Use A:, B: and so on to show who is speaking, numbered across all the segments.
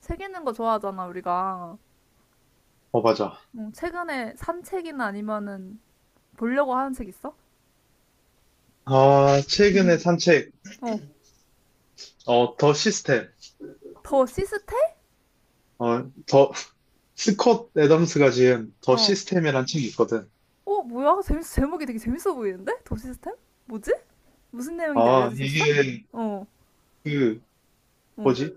A: 책 읽는 거 좋아하잖아, 우리가.
B: 어, 맞아.
A: 응, 최근에 산 책이나 아니면은 보려고 하는 책 있어?
B: 아, 최근에 산 책,
A: 어,
B: 더 시스템,
A: 더 시스템?
B: 어, 더, 스콧 애덤스가 지은 더
A: 어.
B: 시스템이란 책이 있거든.
A: 어, 뭐야? 제목이 되게 재밌어 보이는데? 더 시스템? 뭐지? 무슨 내용인지
B: 아,
A: 알려줄 수 있어?
B: 이게,
A: 어,
B: 그,
A: 어,
B: 뭐지?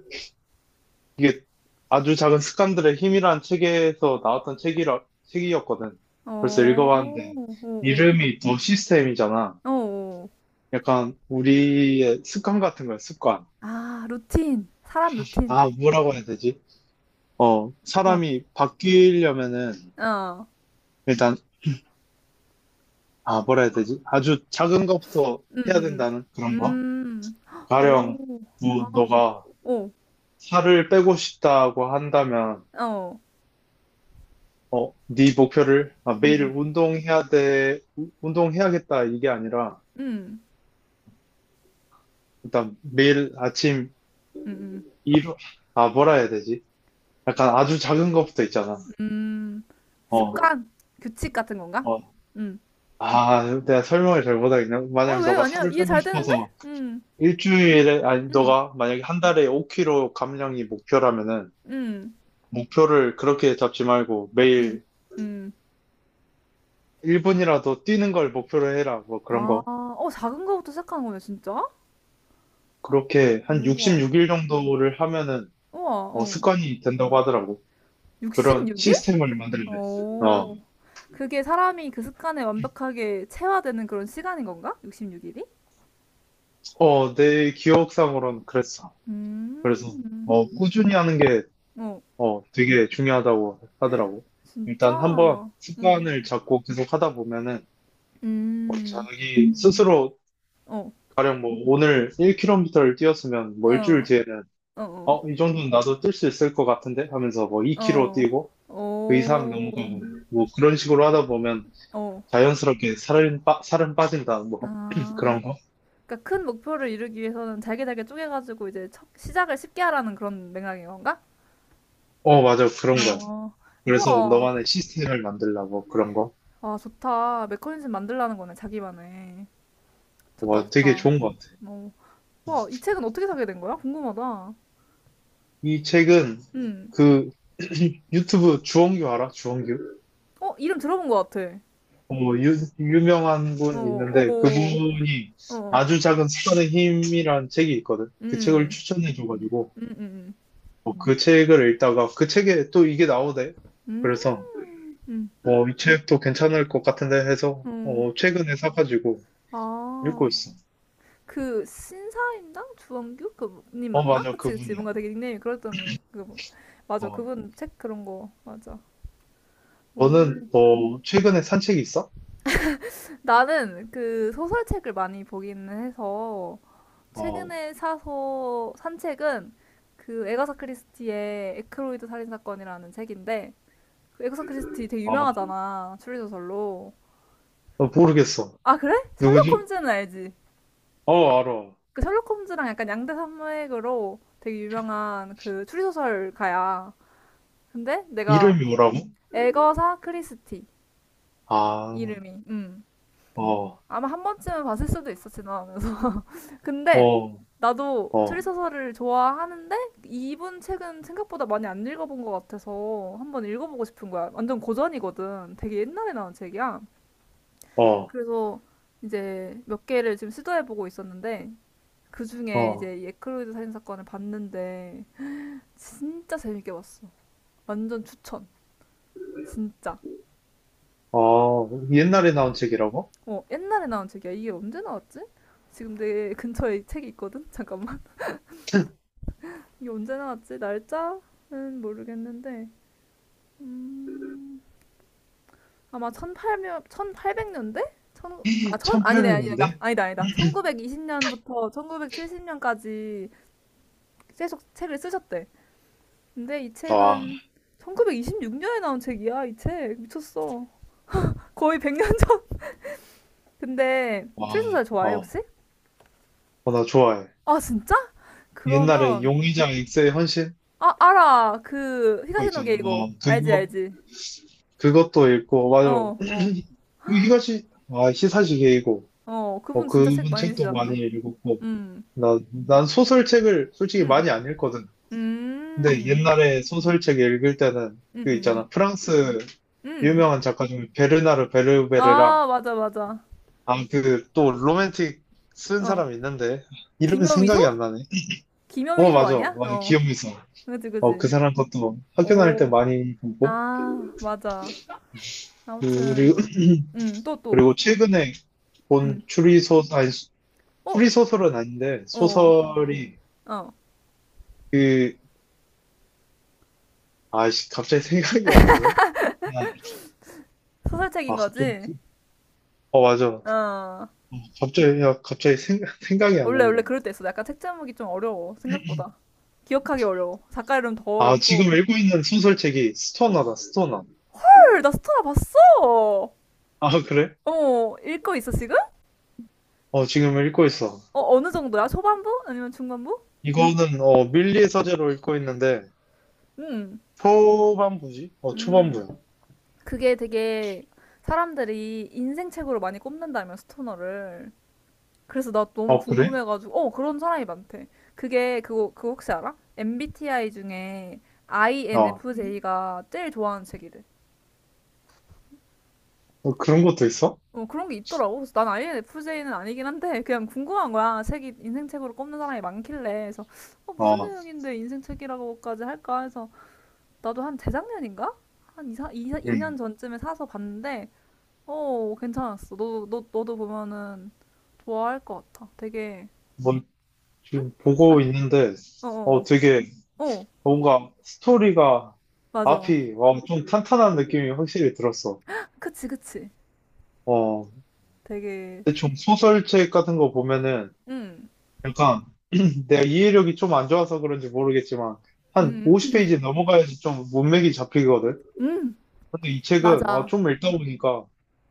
B: 이게 아주 작은 습관들의 힘이란 책에서 나왔던 책이었거든. 벌써
A: 어, 어,
B: 읽어봤는데,
A: 어,
B: 이름이 더 시스템이잖아.
A: 어, 어.
B: 약간, 우리의 습관 같은 거야, 습관.
A: 아, 루틴. 사람 루틴.
B: 아, 뭐라고 해야 되지?
A: 어,
B: 사람이 바뀌려면은,
A: 어,
B: 일단. 아, 뭐라 해야 되지? 아주 작은 것부터 해야
A: 음,
B: 된다는 그런
A: 음, 음,
B: 거?
A: 음,
B: 가령,
A: 오, 아,
B: 뭐, 너가
A: 오,
B: 살을 빼고 싶다고 한다면,
A: 어,
B: 네 목표를, 아, 매일
A: 음,
B: 운동해야 돼, 운동해야겠다, 이게 아니라,
A: 음,
B: 일단 매일 아침
A: 음, 음, 음.
B: 일... 아, 뭐라 해야 되지? 약간 아주 작은 것부터 있잖아.
A: 음,
B: 어,
A: 습관, 규칙 같은 건가?
B: 어.
A: 음.
B: 아, 내가 설명을 잘 못하겠네.
A: 어,
B: 만약
A: 왜?
B: 너가
A: 아니야.
B: 살을
A: 이해
B: 빼고
A: 잘 되는데?
B: 싶어서
A: 음,
B: 일주일에, 아니,
A: 음,
B: 너가 만약에 한 달에 5kg 감량이 목표라면은,
A: 음,
B: 목표를 그렇게 잡지 말고
A: 음,
B: 매일
A: 음.
B: 1분이라도 뛰는 걸 목표로 해라. 뭐 그런
A: 아,
B: 거.
A: 어, 작은 거부터 시작하는 거네, 진짜?
B: 그렇게 한
A: 우와,
B: 66일 정도를 하면은
A: 우와, 어.
B: 습관이 된다고 하더라고. 그런
A: 66일?
B: 시스템을 만들래. 어,
A: 오. 그게 사람이 그 습관에 완벽하게 체화되는 그런 시간인 건가? 66일이?
B: 어, 내 기억상으로는 그랬어. 그래서
A: 음,
B: 꾸준히 하는 게
A: 어,
B: 되게 중요하다고 하더라고. 일단 한번
A: 진짜? 응,
B: 습관을 잡고 계속 하다 보면은
A: 음,
B: 자기 스스로
A: 어,
B: 가령 뭐 오늘 1km를 뛰었으면 뭐 일주일
A: 어,
B: 뒤에는
A: 어,
B: 이 정도는 나도 뛸 수 있을 것 같은데 하면서 뭐 2KG
A: 어,
B: 뛰고
A: 어,
B: 그 이상 넘어가고
A: 오,
B: 뭐 그런 식으로 하다 보면
A: 어,
B: 자연스럽게 살은 빠진다. 뭐
A: 아,
B: 그런 거.
A: 그러니까 큰 목표를 이루기 위해서는 잘게 잘게 쪼개가지고 이제 시작을 쉽게 하라는 그런 맥락인 건가?
B: 어, 맞아. 그런 거야.
A: 어,
B: 그래서
A: 우와,
B: 너만의 시스템을 만들라고 그런 거.
A: 아 좋다. 메커니즘 만들라는 거네 자기만의. 좋다
B: 와, 되게
A: 좋다.
B: 좋은 것 같아.
A: 어, 와, 이 책은 어떻게 사게 된 거야? 궁금하다.
B: 이 책은
A: 음,
B: 그 유튜브 주원규 알아? 주원규?
A: 어 이름 들어본 것 같아.
B: 어, 유명한 분
A: 어,
B: 있는데
A: 어,
B: 그분이
A: 어,
B: 아주 작은 습관의 힘이란 책이 있거든. 그 책을
A: 음,
B: 추천해줘가지고
A: 음, 음,
B: 그 책을 읽다가 그 책에 또 이게 나오대.
A: 음,
B: 그래서
A: 음,
B: 이 책도 괜찮을 것 같은데 해서
A: 음,
B: 최근에 사가지고
A: 어,
B: 읽고
A: 아.
B: 있어.
A: 그 신사임당 주원규 그님
B: 어,
A: 맞나?
B: 맞아.
A: 그치 그치
B: 그분이야.
A: 뭔가 되게 닉네임이 그랬던. 맞아
B: 어,
A: 그분 책 그런 거 맞아.
B: 너는
A: 오.
B: 최근에 산 책 있어?
A: 나는 그 소설책을 많이 보기는 해서
B: 어,
A: 최근에 사서 산 책은 그 에가사 크리스티의 에크로이드 살인 사건이라는 책인데 그 에가사 크리스티 되게
B: 어,
A: 유명하잖아 추리소설로.
B: 어, 모르겠어.
A: 아 그래? 셜록
B: 누구지?
A: 홈즈는 알지?
B: 어, 알아.
A: 그 셜록 홈즈랑 약간 양대 산맥으로 되게 유명한 그 추리소설가야. 근데 내가
B: 이름이 뭐라고?
A: 에거사 크리스티
B: 아,
A: 이름이
B: 어,
A: 아마 한 번쯤은 봤을 수도 있어 지나가면서 근데
B: 어,
A: 나도
B: 어,
A: 추리소설을 좋아하는데 이분 책은 생각보다 많이 안 읽어본 것 같아서 한번 읽어보고 싶은 거야 완전 고전이거든 되게 옛날에 나온 책이야
B: 어,
A: 그래서 이제 몇 개를 지금 시도해보고 있었는데 그 중에
B: 어,
A: 이제 이 에크로이드 살인 사건을 봤는데 진짜 재밌게 봤어 완전 추천 진짜
B: 어, 옛날에 나온 책이라고?
A: 어, 옛날에 나온 책이야. 이게 언제 나왔지? 지금 내 근처에 이 책이 있거든? 잠깐만. 이게 언제 나왔지? 날짜는 모르겠는데. 아마 1800, 팔백 년대 천, 아, 천, 아니네, 아니다.
B: 1800년대?
A: 아니다, 아니다. 1920년부터 1970년까지 계속 책을 쓰셨대. 근데 이
B: 와,
A: 책은 1926년에 나온 책이야, 이 책. 미쳤어. 거의 100년 전. 근데
B: 와,
A: 출소설 좋아해,
B: 어,
A: 혹시?
B: 어, 나 좋아해.
A: 아, 진짜?
B: 옛날에
A: 그러면
B: 용의장 엑스의 헌신
A: 아, 알아. 그,
B: 그거 있잖아.
A: 히가시노게 이거.
B: 어,
A: 알지,
B: 그거
A: 알지.
B: 그것도 읽고 맞아.
A: 어, 어,
B: 그 히가시 아 히사시 게이고.
A: 어.
B: 어,
A: 그분 진짜 책
B: 그분
A: 많이
B: 책도
A: 내시잖아.
B: 많이 읽었고
A: 음,
B: 나, 난 소설책을 솔직히
A: 음,
B: 많이 안 읽거든. 근데
A: 음,
B: 옛날에 소설책 읽을 때는
A: 음,
B: 그
A: 음,
B: 있잖아. 프랑스
A: 음.
B: 유명한 작가 중에 베르나르 베르베르랑
A: 아, 맞아, 맞아.
B: 아 그 또 로맨틱 쓴
A: 어.
B: 사람 있는데 이름이 생각이 안
A: 김여미소?
B: 나네. 어,
A: 김여미소
B: 맞아.
A: 아니야?
B: 맞아
A: 어.
B: 기억이 있어.
A: 그지,
B: 어 그
A: 그지.
B: 사람 것도 학교 다닐 때
A: 오.
B: 많이 보고 고
A: 아, 맞아.
B: 그리
A: 아무튼, 또, 또.
B: 그리고 최근에 본
A: 음.
B: 추리소설, 아니, 수-
A: 어,
B: 추리소설은 아닌데,
A: 어,
B: 소설이
A: 어.
B: 그, 아, 씨, 갑자기 생각이 안 나네?
A: 소설책인
B: 아, 갑자기,
A: 거지?
B: 어, 맞아. 어,
A: 어.
B: 갑자기, 야, 생각이 안
A: 원래 원래
B: 난다.
A: 그럴 때 있어. 약간 책 제목이 좀 어려워. 생각보다. 기억하기 어려워. 작가 이름 더
B: 아,
A: 어렵고.
B: 지금 읽고 있는 소설책이
A: 어.
B: 스토너다, 스토너.
A: 헐, 나 스토나 봤어.
B: 아, 그래?
A: 어, 읽고 있어 지금?
B: 어, 지금 읽고 있어.
A: 어, 어느 정도야? 초반부? 아니면 중반부?
B: 이거는, 밀리의 서재로 읽고 있는데,
A: 음.
B: 초반부지? 어,
A: 음.
B: 초반부야.
A: 그게 되게 사람들이 인생 책으로 많이 꼽는다면 스토너를. 그래서 나 너무
B: 어, 그래?
A: 궁금해가지고. 어, 그런 사람이 많대. 그게 그거 그거 혹시 알아? MBTI 중에
B: 어,
A: INFJ가 제일 좋아하는 책이래.
B: 어, 그런 것도 있어?
A: 어, 그런 게 있더라고. 그래서 난 INFJ는 아니긴 한데, 그냥 궁금한 거야. 책이, 인생책으로 꼽는 사람이 많길래. 그래서, 어, 무슨
B: 어,
A: 내용인데 인생책이라고까지 할까 해서, 나도 한 재작년인가? 한 이이
B: 응.
A: 년 전쯤에 사서 봤는데, 어, 괜찮았어. 너도 보면은 좋아할 것 같아. 되게,
B: 뭐, 지금 보고 있는데,
A: 어,
B: 어,
A: 어,
B: 되게,
A: 어,
B: 뭔가 스토리가
A: 맞아.
B: 앞이 엄청 탄탄한 느낌이 확실히 들었어.
A: 그치, 그치.
B: 어,
A: 되게,
B: 대충 소설책 같은 거 보면은
A: 음,
B: 약간 내가 이해력이 좀 안 좋아서 그런지 모르겠지만 한
A: 음,
B: 50페이지 넘어가야지 좀 문맥이 잡히거든.
A: 음,
B: 근데 이 책은
A: 맞아.
B: 좀 읽다 보니까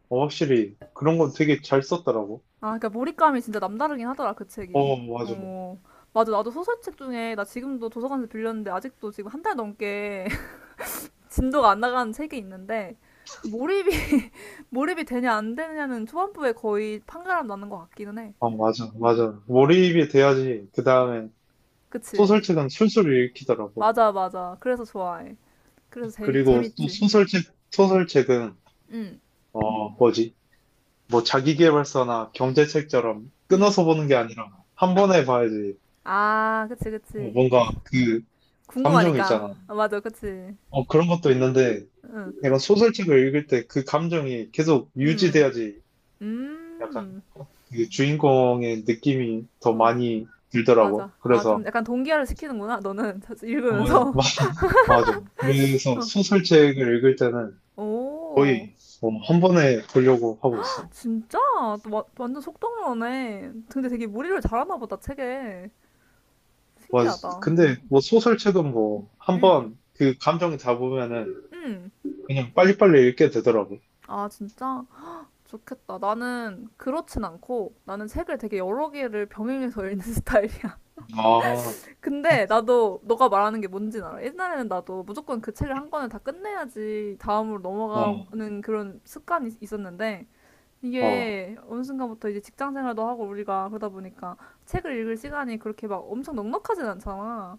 B: 확실히 그런 건 되게 잘 썼더라고.
A: 아, 그러니까 몰입감이 진짜 남다르긴 하더라, 그 책이.
B: 어, 맞아.
A: 어, 맞아. 나도 소설책 중에, 나 지금도 도서관에서 빌렸는데, 아직도 지금 한 달 넘게 진도가 안 나가는 책이 있는데, 몰입이, 몰입이 되냐, 안 되냐는 초반부에 거의 판가름 나는 것 같기는 해.
B: 어, 맞아, 맞아. 몰입이 돼야지 그 다음에
A: 그치?
B: 소설책은 술술 읽히더라고.
A: 맞아, 맞아. 그래서 좋아해. 그래서
B: 그리고 또
A: 재밌지. 응.
B: 소설책은
A: 응,
B: 어, 뭐지? 뭐 자기계발서나 경제책처럼
A: 응.
B: 끊어서 보는 게 아니라 한 번에 봐야지
A: 아, 그치, 그치.
B: 뭔가 그 감정이
A: 궁금하니까.
B: 있잖아.
A: 아, 맞아, 그치.
B: 어, 그런 것도 있는데
A: 응,
B: 내가 소설책을 읽을 때 그 감정이 계속
A: 응,
B: 유지돼야지
A: 응.
B: 약간 그 주인공의 느낌이 더
A: 어.
B: 많이 들더라고.
A: 맞아. 아, 좀
B: 그래서
A: 약간 동기화를 시키는구나, 너는. 자주
B: 어, 마-
A: 읽으면서.
B: 맞아. 그래서
A: 어.
B: 소설책을 읽을 때는
A: 오,
B: 거의 한 번에 보려고 하고 있어.
A: 진짜? 또 완전 속독러네. 근데 되게 무리를 잘하나 보다, 책에.
B: 와,
A: 신기하다.
B: 근데
A: 음.
B: 뭐 소설책은 뭐 한
A: 음.
B: 번 그 감정이 잡으면은
A: 음.
B: 그냥 빨리빨리 읽게 되더라고.
A: 아, 진짜? 좋겠다. 나는 그렇진 않고, 나는 책을 되게 여러 개를 병행해서 읽는 스타일이야.
B: 아, 어,
A: 근데 나도 너가 말하는 게 뭔진 알아. 옛날에는 나도 무조건 그 책을 한 권을 다 끝내야지 다음으로
B: 어,
A: 넘어가는 그런 습관이 있었는데,
B: 어,
A: 이게 어느 순간부터 이제 직장 생활도 하고 우리가 그러다 보니까 책을 읽을 시간이 그렇게 막 엄청 넉넉하진 않잖아.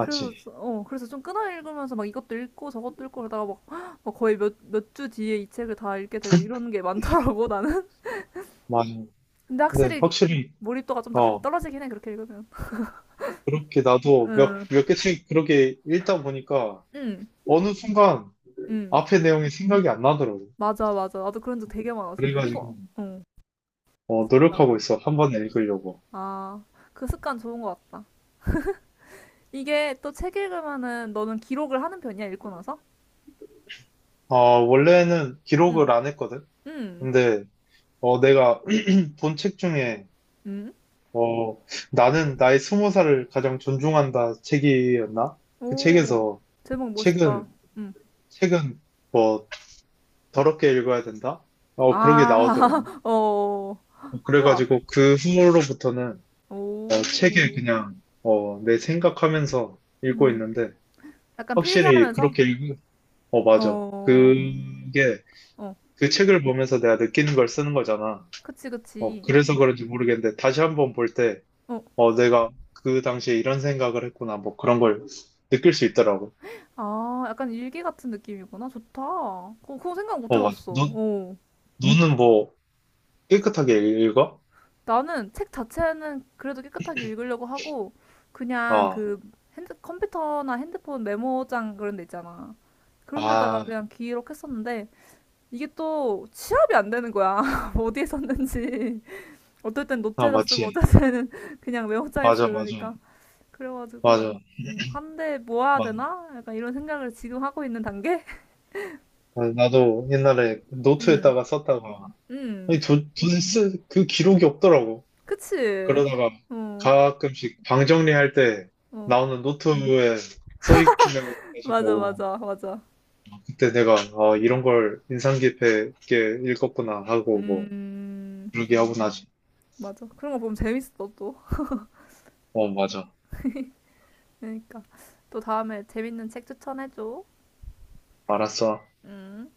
A: 그래서 그래서 좀 끊어 읽으면서 막 이것도 읽고 저것도 읽고 그러다가 막, 막 거의 몇 주 뒤에 이 책을 다 읽게 되고 이런 게 많더라고 나는.
B: 맞아.
A: 근데
B: 근데
A: 확실히
B: 확실히,
A: 몰입도가 좀 다
B: 어,
A: 떨어지긴 해 그렇게 읽으면.
B: 그렇게 나도
A: 응,
B: 몇 개 책 그렇게 읽다 보니까
A: 응,
B: 어느 순간
A: 응.
B: 앞에 내용이 생각이 안 나더라고.
A: 맞아 맞아. 나도 그런 적 되게 많았어. 어, 이거
B: 그래가지고,
A: 어. 진짜.
B: 노력하고 있어. 한 번에 읽으려고.
A: 아, 그 습관 좋은 것 같다. 이게 또 책 읽으면은 너는 기록을 하는 편이야 읽고 나서?
B: 어, 원래는
A: 응.
B: 기록을 안 했거든.
A: 음,
B: 근데, 내가 본 책 중에,
A: 음,
B: 어, 나는 나의 스무 살을 가장 존중한다 책이었나? 그
A: 오, 제목
B: 책은,
A: 멋있다. 음,
B: 책은, 뭐 더럽게 읽어야 된다? 그런 게 나오더라고.
A: 아, 어,
B: 어,
A: 우와,
B: 그래가지고 그 후로부터는 책을
A: 오,
B: 그냥 내 생각하면서 읽고
A: 음,
B: 있는데
A: 약간
B: 확실히
A: 필기하면서,
B: 그렇게 읽으, 어, 맞아.
A: 어,
B: 그게
A: 어,
B: 그 책을 보면서 내가 느끼는 걸 쓰는 거잖아.
A: 그치, 그치.
B: 그래서 그런지 모르겠는데 다시 한번 볼 때,
A: 어,
B: 내가 그 당시에 이런 생각을 했구나. 뭐 그런 걸 느낄 수 있더라고.
A: 아, 약간 일기 같은 느낌이구나. 좋다. 어, 그거 생각 못
B: 어, 맞아.
A: 해봤어. 어,
B: 눈은 뭐 깨끗하게 읽어?
A: 나는 책 자체는 그래도 깨끗하게 읽으려고 하고, 그냥
B: 아,
A: 컴퓨터나 핸드폰 메모장 그런 데 있잖아. 그런 데다가
B: 아,
A: 그냥 기록했었는데, 이게 또 취합이 안 되는 거야. 어디에 썼는지. 어떨 땐
B: 아,
A: 노트에다 쓰고, 어떨
B: 맞지.
A: 때는 그냥 메모장에
B: 맞아,
A: 쓰고
B: 맞아.
A: 이러니까.
B: 맞아.
A: 그래가지고, 한 대 모아야
B: 막,
A: 되나? 약간 이런 생각을 지금 하고 있는 단계?
B: 아, 나도 옛날에
A: 음,
B: 노트에다가 썼다가,
A: 음.
B: 아니, 도대체 그 기록이 없더라고.
A: 그치?
B: 그러다가
A: 어,
B: 가끔씩 방 정리할 때
A: 어.
B: 나오는 노트에 써 있는 거
A: 맞아,
B: 가지고,
A: 맞아, 맞아.
B: 그때 내가, 아, 이런 걸 인상 깊게 읽었구나 하고, 뭐,
A: 음,
B: 그러게 하고 나지.
A: 맞아. 그런 거 보면 재밌어, 또.
B: 어, 맞아.
A: 그러니까. 또 다음에 재밌는 책 추천해줘.
B: 알았어.
A: 음.